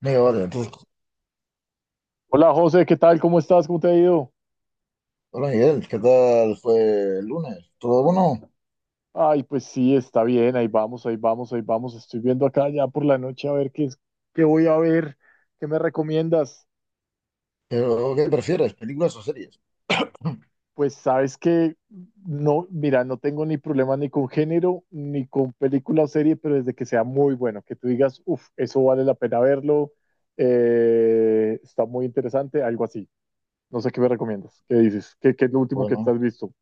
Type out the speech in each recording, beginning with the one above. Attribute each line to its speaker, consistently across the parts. Speaker 1: Digo, vale, entonces,
Speaker 2: Hola José, ¿qué tal? ¿Cómo estás? ¿Cómo te ha ido?
Speaker 1: hola Miguel, ¿qué tal fue el lunes? ¿Todo bueno?
Speaker 2: Ay, pues sí, está bien, ahí vamos, ahí vamos, ahí vamos. Estoy viendo acá ya por la noche a ver qué es, qué voy a ver, qué me recomiendas.
Speaker 1: ¿Pero qué prefieres, películas o series?
Speaker 2: Pues sabes que no, mira, no tengo ni problema ni con género, ni con película o serie, pero desde que sea muy bueno, que tú digas, uff, eso vale la pena verlo, está muy interesante, algo así. No sé qué me recomiendas, qué dices, qué es lo último que
Speaker 1: Bueno,
Speaker 2: estás visto.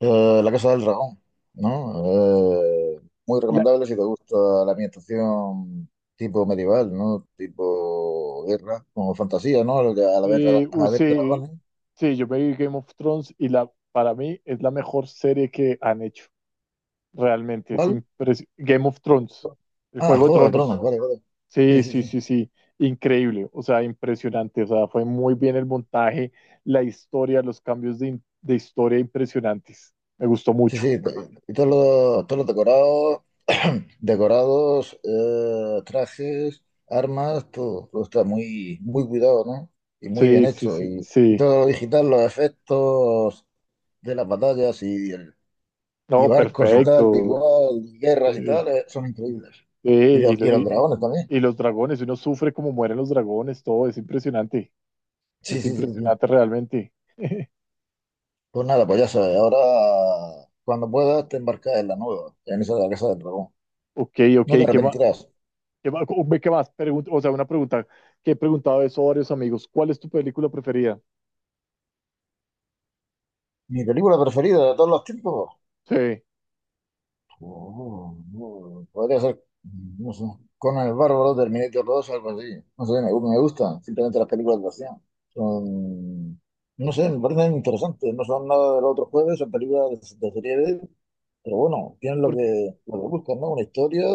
Speaker 1: La Casa del Dragón, ¿no? Muy
Speaker 2: La,
Speaker 1: recomendable si te gusta la ambientación tipo medieval, ¿no? Tipo guerra, como fantasía, ¿no? Al, al haber, al
Speaker 2: uy,
Speaker 1: haber
Speaker 2: sí,
Speaker 1: dragones.
Speaker 2: sí, yo me vi Game of Thrones y para mí es la mejor serie que han hecho. Realmente
Speaker 1: ¿Cuál?
Speaker 2: Game of Thrones, el
Speaker 1: Ah,
Speaker 2: Juego de
Speaker 1: Juego de Tronos,
Speaker 2: Tronos.
Speaker 1: vale, vale. Sí,
Speaker 2: Sí,
Speaker 1: sí,
Speaker 2: sí,
Speaker 1: sí.
Speaker 2: sí, sí. Increíble, o sea, impresionante. O sea, fue muy bien el montaje, la historia, los cambios de historia impresionantes. Me gustó
Speaker 1: Sí,
Speaker 2: mucho.
Speaker 1: sí, to- y todos todos los decorados, decorados, trajes, armas, todo, todo está muy, muy cuidado, ¿no? Y muy bien
Speaker 2: Sí, sí,
Speaker 1: hecho.
Speaker 2: sí,
Speaker 1: Y
Speaker 2: sí.
Speaker 1: todo lo digital, los efectos de las batallas y
Speaker 2: No,
Speaker 1: barcos y tal,
Speaker 2: perfecto.
Speaker 1: igual, y guerras y
Speaker 2: Sí,
Speaker 1: tal, son increíbles.
Speaker 2: sí,
Speaker 1: Y
Speaker 2: y,
Speaker 1: los, y
Speaker 2: lo-
Speaker 1: los
Speaker 2: y-
Speaker 1: dragones también.
Speaker 2: y los dragones, uno sufre como mueren los dragones, todo es impresionante.
Speaker 1: Sí,
Speaker 2: Es
Speaker 1: sí, sí, sí.
Speaker 2: impresionante realmente.
Speaker 1: Pues nada, pues ya sabes, ahora cuando puedas te embarcas en la nueva, en esa de la Casa del Dragón.
Speaker 2: Ok, ok,
Speaker 1: No te
Speaker 2: ¿qué más?
Speaker 1: arrepentirás.
Speaker 2: ¿Qué más? ¿Qué más? O sea, una pregunta que he preguntado eso a varios amigos. ¿Cuál es tu película preferida?
Speaker 1: Mi película preferida de todos los tiempos.
Speaker 2: Sí,
Speaker 1: Oh, Podría ser, no sé, Conan el Bárbaro, Terminator dos algo así. No sé, me gusta. Simplemente las películas de acción. Son, no sé, me parecen interesantes. No son nada del otro jueves, son películas de serie B, pero bueno, tienen lo
Speaker 2: por-
Speaker 1: que, lo que buscan, ¿no? Una historia,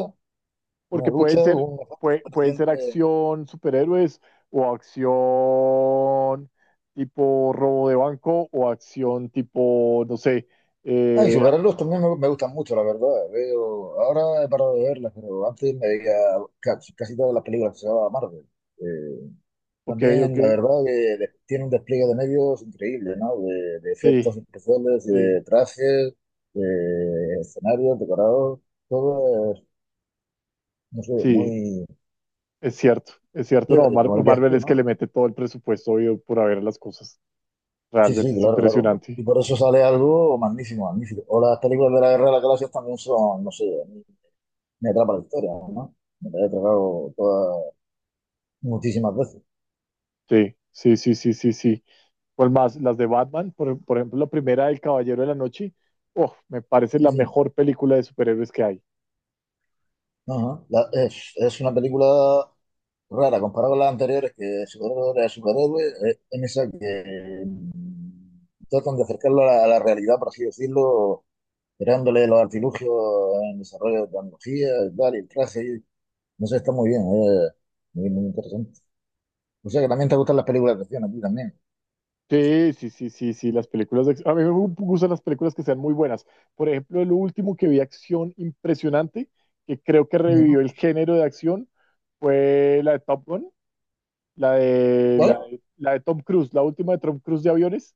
Speaker 1: una
Speaker 2: porque
Speaker 1: lucha,
Speaker 2: pueden ser,
Speaker 1: una falta de
Speaker 2: pueden
Speaker 1: superación
Speaker 2: ser
Speaker 1: de...
Speaker 2: acción superhéroes o acción tipo robo de banco o acción tipo, no sé,
Speaker 1: Ah, y
Speaker 2: eh, ah,
Speaker 1: superarlos también me gustan mucho, la verdad. Veo, ahora he parado de verlas, pero antes me veía casi todas las películas que se llamaban Marvel. Eh,
Speaker 2: ok, ok,
Speaker 1: También, la verdad, que tiene un despliegue de medios increíble, ¿no? De
Speaker 2: sí,
Speaker 1: efectos especiales,
Speaker 2: sí,
Speaker 1: de trajes, de escenarios, decorados, todo es, no sé,
Speaker 2: sí,
Speaker 1: muy
Speaker 2: es cierto, no,
Speaker 1: chévere,
Speaker 2: Mar-
Speaker 1: como dirías
Speaker 2: Marvel
Speaker 1: tú,
Speaker 2: es que le
Speaker 1: ¿no?
Speaker 2: mete todo el presupuesto obvio, por haber las cosas.
Speaker 1: Sí, sí,
Speaker 2: Realmente es
Speaker 1: claro, claro. Y
Speaker 2: impresionante.
Speaker 1: por eso sale algo magnífico, magnífico. O las películas de la Guerra de las Galaxias también son, no sé, a mí me atrapa la historia, ¿no? Me la he tragado todas, muchísimas veces.
Speaker 2: Sí, sí, sí, sí, sí, sí. ¿Cuál más? Las de Batman, por ejemplo, la primera del Caballero de la Noche, oh, me parece
Speaker 1: Sí,
Speaker 2: la
Speaker 1: sí.
Speaker 2: mejor película de superhéroes que hay.
Speaker 1: Ajá. Es una película rara, comparado con las anteriores, que superhéroe a superhéroe, en esa que tratan de acercarlo a la realidad, por así decirlo, creándole los artilugios en desarrollo de tecnología, y tal, y el traje, no sé, está muy bien, muy, muy interesante. O sea que también te gustan las películas de acción a ti también.
Speaker 2: Sí, sí, sí, sí, sí, las películas a mí me gustan las películas que sean muy buenas. Por ejemplo, el último que vi acción impresionante, que creo que revivió
Speaker 1: Ujú.
Speaker 2: el género de acción, fue la de Top Gun, la de,
Speaker 1: ¿Cuál?
Speaker 2: la de, la de Tom Cruise, la última de Tom Cruise de aviones.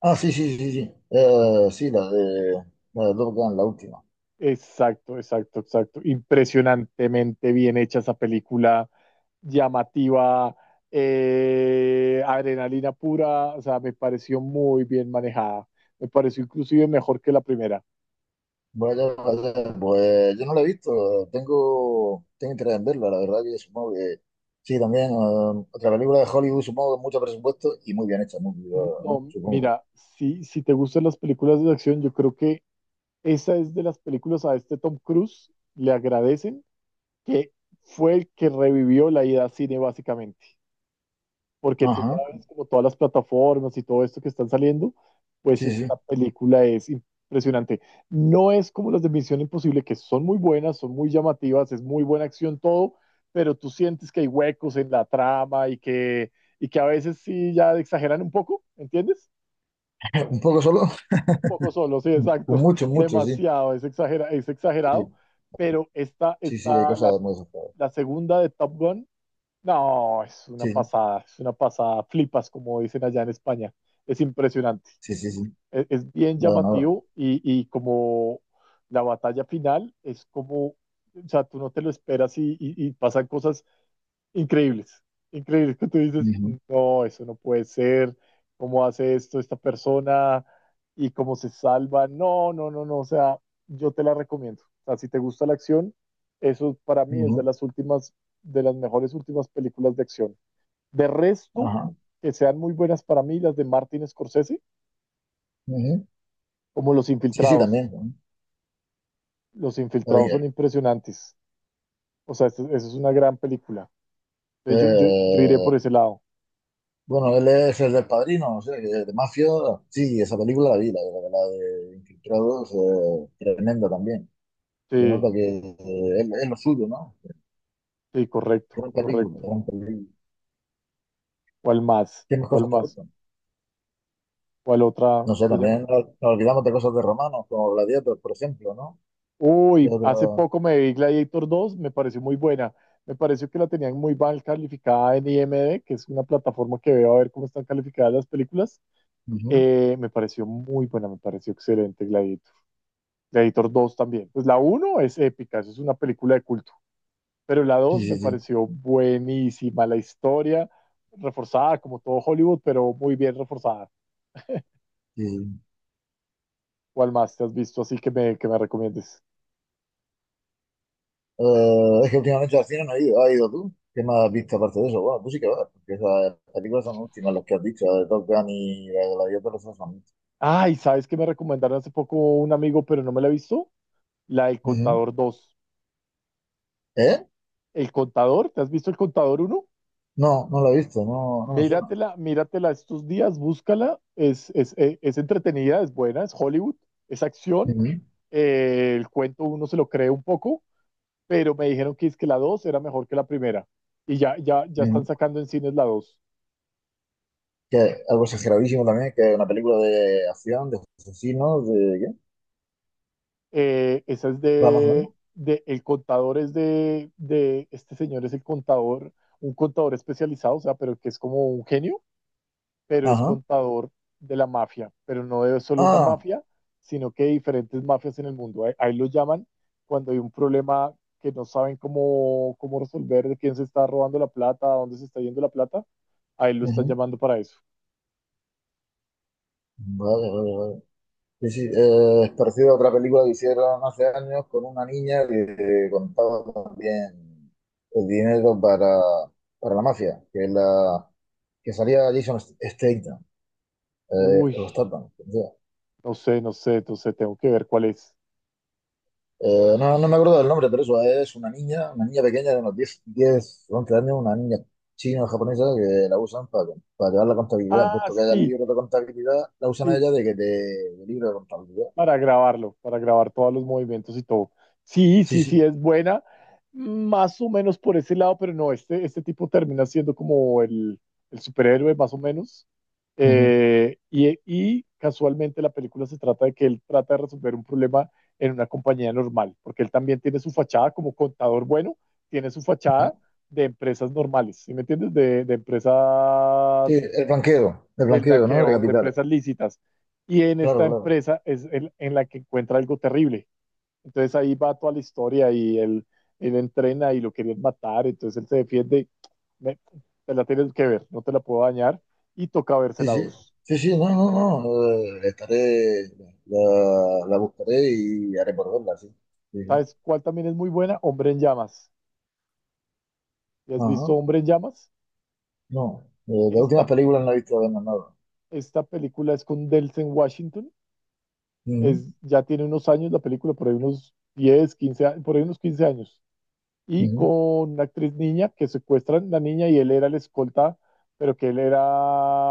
Speaker 1: Ah, sí, sí, sí, sí. Sí, la de Top Gun, la última.
Speaker 2: Exacto, exacto, exacto. Impresionantemente bien hecha esa película, llamativa, adrenalina pura, o sea, me pareció muy bien manejada. Me pareció inclusive mejor que la primera.
Speaker 1: Vaya, vaya, pues yo no la he visto, tengo, tengo interés en verla, la verdad que supongo. Sí, también, otra película de Hollywood, supongo, con mucho presupuesto y muy bien hecha, muy cuidada, ¿no?
Speaker 2: No,
Speaker 1: Supongo.
Speaker 2: mira, si, si te gustan las películas de acción, yo creo que esa es de las películas a este Tom Cruise, le agradecen que fue el que revivió la idea al cine básicamente. Porque tú
Speaker 1: Ajá,
Speaker 2: sabes, como todas las plataformas y todo esto que están saliendo, pues
Speaker 1: sí, sí.
Speaker 2: esta película es impresionante. No es como las de Misión Imposible, que son muy buenas, son muy llamativas, es muy buena acción todo, pero tú sientes que hay huecos en la trama y que a veces sí ya exageran un poco, ¿entiendes?
Speaker 1: Un poco solo,
Speaker 2: Un poco solo, sí,
Speaker 1: un
Speaker 2: exacto,
Speaker 1: mucho, mucho, sí.
Speaker 2: demasiado, es, es exagerado,
Speaker 1: Sí,
Speaker 2: pero esta,
Speaker 1: sí, sí, hay
Speaker 2: esta la,
Speaker 1: cosas muy desesperadas.
Speaker 2: la segunda de Top Gun no,
Speaker 1: Sí,
Speaker 2: es una pasada, flipas, como dicen allá en España. Es impresionante,
Speaker 1: sí, sí, sí.
Speaker 2: es bien
Speaker 1: Nada, nada.
Speaker 2: llamativo y como la batalla final es como, o sea, tú no te lo esperas y, y pasan cosas increíbles, increíbles que tú dices,
Speaker 1: Ujú,
Speaker 2: no, eso no puede ser, cómo hace esto esta persona y cómo se salva, no, no, no, no, o sea, yo te la recomiendo. O sea, si te gusta la acción, eso para mí es de
Speaker 1: ujú,
Speaker 2: las últimas, de las mejores últimas películas de acción. De resto,
Speaker 1: ajá,
Speaker 2: que sean muy buenas para mí las de Martin Scorsese,
Speaker 1: ujú.
Speaker 2: como Los
Speaker 1: Sí, sí,
Speaker 2: Infiltrados.
Speaker 1: también, ¿no?
Speaker 2: Los
Speaker 1: Está
Speaker 2: Infiltrados son
Speaker 1: bien.
Speaker 2: impresionantes. O sea, esa es una gran película. Entonces yo iré
Speaker 1: Eh,
Speaker 2: por ese lado.
Speaker 1: bueno, él es el del Padrino, no sé, de Mafia. Sí, esa película la vi, la de Infiltrados, tremenda también. Se
Speaker 2: Sí,
Speaker 1: nota que es lo suyo, ¿no?
Speaker 2: sí, correcto,
Speaker 1: Gran película,
Speaker 2: correcto.
Speaker 1: gran película.
Speaker 2: ¿Cuál más?
Speaker 1: ¿Qué más
Speaker 2: ¿Cuál
Speaker 1: cosas te
Speaker 2: más?
Speaker 1: gustan?
Speaker 2: ¿Cuál otra
Speaker 1: No sé,
Speaker 2: te llama?
Speaker 1: también nos olvidamos de cosas de romanos, como Gladiator, por ejemplo, ¿no? ¿Qué
Speaker 2: Uy, hace
Speaker 1: otro?
Speaker 2: poco me vi Gladiator dos, me pareció muy buena. Me pareció que la tenían muy mal calificada en IMDb, que es una plataforma que veo a ver cómo están calificadas las películas.
Speaker 1: Ujú.
Speaker 2: Me pareció muy buena, me pareció excelente Gladiator. Gladiator 2 también. Pues la uno es épica, es una película de culto, pero la
Speaker 1: Sí,
Speaker 2: dos me
Speaker 1: sí, sí.
Speaker 2: pareció buenísima, la historia reforzada como todo Hollywood, pero muy bien reforzada.
Speaker 1: Sí. Sí.
Speaker 2: ¿Cuál más te has visto así que me recomiendes?
Speaker 1: Es que últimamente al cine no he ido. ¿Has ido tú? ¿Qué más has visto aparte de eso? Bueno, tú sí que vas, porque esas películas son últimas, las que has dicho, la de Top Gun y la de Gladiator, esas son últimas.
Speaker 2: Ay, ¿sabes que me recomendaron hace poco un amigo, pero no me la he visto? La del
Speaker 1: Ujú.
Speaker 2: Contador 2.
Speaker 1: ¿Eh?
Speaker 2: ¿El Contador? ¿Te has visto El Contador uno?
Speaker 1: No, no lo he visto, no, no me suena.
Speaker 2: Míratela, míratela estos días, búscala. Es entretenida, es buena, es Hollywood, es acción.
Speaker 1: Ujú,
Speaker 2: El cuento uno se lo cree un poco, pero me dijeron que es que la 2 era mejor que la primera. Y ya están
Speaker 1: ujú.
Speaker 2: sacando en cines la dos.
Speaker 1: Que algo exageradísimo también, que es una película de acción, de asesinos, de...
Speaker 2: Esa es
Speaker 1: ¿Qué? Va más o
Speaker 2: de,
Speaker 1: menos.
Speaker 2: el contador es de, este señor es el contador, un contador especializado, o sea, pero que es como un genio, pero es
Speaker 1: Ajá.
Speaker 2: contador de la mafia, pero no de solo una
Speaker 1: Ah.
Speaker 2: mafia, sino que de diferentes mafias en el mundo. Ahí, ahí lo llaman cuando hay un problema que no saben cómo, cómo resolver, de quién se está robando la plata, a dónde se está yendo la plata, ahí lo están
Speaker 1: Ujú.
Speaker 2: llamando para eso.
Speaker 1: Vale, vale, vale. Sí, sí, es parecido a otra película que hicieron hace años con una niña que contaba también el dinero para la mafia, que salía Jason Statham, eh,
Speaker 2: Uy,
Speaker 1: o Statham, o sea,
Speaker 2: no sé, no sé, entonces tengo que ver cuál es.
Speaker 1: no, no me acuerdo del nombre, pero eso es una niña pequeña de unos 10, 11 años, una niña china o japonesa que la usan para llevar la contabilidad,
Speaker 2: Ah,
Speaker 1: puesto que haya el
Speaker 2: sí,
Speaker 1: libro de contabilidad, la usan a
Speaker 2: sí,
Speaker 1: ella de que te, de libro de contabilidad.
Speaker 2: para grabarlo, para grabar todos los movimientos y todo. Sí,
Speaker 1: Sí,
Speaker 2: sí, sí,
Speaker 1: sí.
Speaker 2: es buena, más o menos por ese lado, pero no, este tipo termina siendo como el superhéroe, más o menos. Y, y casualmente la película se trata de que él trata de resolver un problema en una compañía normal, porque él también tiene su fachada como contador bueno, tiene su fachada
Speaker 1: Ujú.
Speaker 2: de empresas normales, ¿sí me entiendes? De
Speaker 1: Sí,
Speaker 2: empresas,
Speaker 1: el
Speaker 2: el
Speaker 1: blanqueo, ¿no? De
Speaker 2: blanqueo de
Speaker 1: capitales.
Speaker 2: empresas lícitas. Y en
Speaker 1: Claro,
Speaker 2: esta
Speaker 1: claro.
Speaker 2: empresa es el, en la que encuentra algo terrible. Entonces ahí va toda la historia y él entrena y lo querían matar, entonces él se defiende. Me, Te la tienes que ver, no te la puedo dañar. Y toca verse
Speaker 1: Sí,
Speaker 2: la
Speaker 1: sí.
Speaker 2: dos.
Speaker 1: Sí, sí, no, no, no. Estaré, la buscaré y haré por verla, sí. Sí, sí.
Speaker 2: ¿Sabes cuál también es muy buena? Hombre en llamas. ¿Ya has visto
Speaker 1: Ajá.
Speaker 2: Hombre en llamas?
Speaker 1: No. De últimas
Speaker 2: Esta,
Speaker 1: películas no he visto apenas nada.
Speaker 2: esta película es con Delsen Washington.
Speaker 1: Ujú,
Speaker 2: Es, ya tiene unos años la película, por ahí unos 10, 15, por ahí unos 15 años. Y con
Speaker 1: ujú.
Speaker 2: una actriz niña que secuestran la niña y él era el escolta, pero que él era,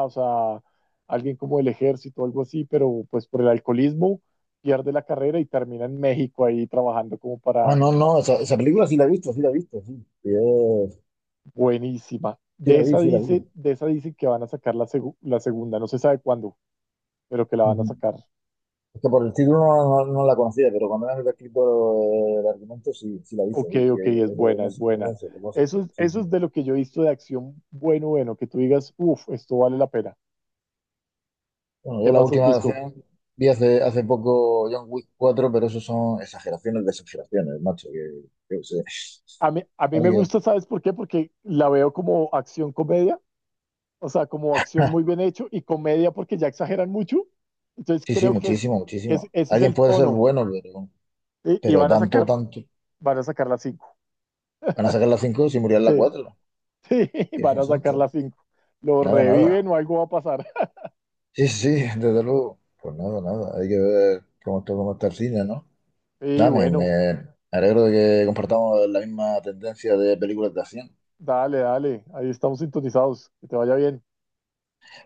Speaker 2: o sea, alguien como del ejército o algo así, pero pues por el alcoholismo pierde la carrera y termina en México ahí trabajando como
Speaker 1: Ah,
Speaker 2: para.
Speaker 1: no, no. Esa película sí la he visto, sí la he visto, sí. Sí,
Speaker 2: Buenísima.
Speaker 1: sí
Speaker 2: De
Speaker 1: la vi,
Speaker 2: esa
Speaker 1: sí la vi.
Speaker 2: dice, de esa dicen que van a sacar la segunda, no se sabe cuándo, pero que la van a
Speaker 1: Ujú.
Speaker 2: sacar.
Speaker 1: Es que por el título no la conocía, pero cuando me han escrito el argumento sí, sí la he visto.
Speaker 2: Ok,
Speaker 1: Sí, y,
Speaker 2: ok, es
Speaker 1: eso,
Speaker 2: buena,
Speaker 1: no
Speaker 2: es
Speaker 1: sé,
Speaker 2: buena.
Speaker 1: no sé, no sé, sí,
Speaker 2: Eso
Speaker 1: sí.
Speaker 2: es de lo que yo he visto de acción bueno, bueno, que tú digas, uff, esto vale la pena.
Speaker 1: Bueno, yo
Speaker 2: ¿Qué
Speaker 1: la
Speaker 2: más has
Speaker 1: última
Speaker 2: visto?
Speaker 1: acción vi hace, hace poco John Wick cuatro, pero eso son exageraciones de exageraciones, macho, que yo qué sé.
Speaker 2: A mí me
Speaker 1: Alguien-
Speaker 2: gusta, ¿sabes por qué? Porque la veo como acción comedia, o sea, como acción muy bien hecho y comedia porque ya exageran mucho. Entonces
Speaker 1: Sí, sí,
Speaker 2: creo que es
Speaker 1: muchísimo, muchísimo.
Speaker 2: ese es
Speaker 1: Alguien
Speaker 2: el
Speaker 1: puede ser
Speaker 2: tono,
Speaker 1: bueno,
Speaker 2: ¿sí? Y
Speaker 1: pero
Speaker 2: van a
Speaker 1: tanto,
Speaker 2: sacar,
Speaker 1: tanto.
Speaker 2: van a sacar las cinco.
Speaker 1: Van a sacar la 5 si murió en la
Speaker 2: Sí,
Speaker 1: 4.
Speaker 2: sí, van
Speaker 1: Dios
Speaker 2: a sacar
Speaker 1: santo.
Speaker 2: las cinco. Lo
Speaker 1: Nada,
Speaker 2: reviven
Speaker 1: nada.
Speaker 2: o algo va a pasar.
Speaker 1: Sí, sí, sí, desde luego. Pues nada, nada. Hay que ver cómo está el cine, ¿no?
Speaker 2: Sí,
Speaker 1: Nada,
Speaker 2: bueno,
Speaker 1: me alegro de que compartamos la misma tendencia de películas de acción.
Speaker 2: dale, dale. Ahí estamos sintonizados. Que te vaya bien.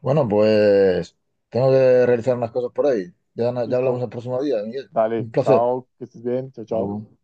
Speaker 1: Bueno, pues tengo que realizar unas cosas por ahí. Ya hablamos
Speaker 2: Listo.
Speaker 1: el próximo día, Miguel.
Speaker 2: Dale.
Speaker 1: Un placer.
Speaker 2: Chao. Que estés bien. Chao,
Speaker 1: Hasta
Speaker 2: chao.
Speaker 1: luego.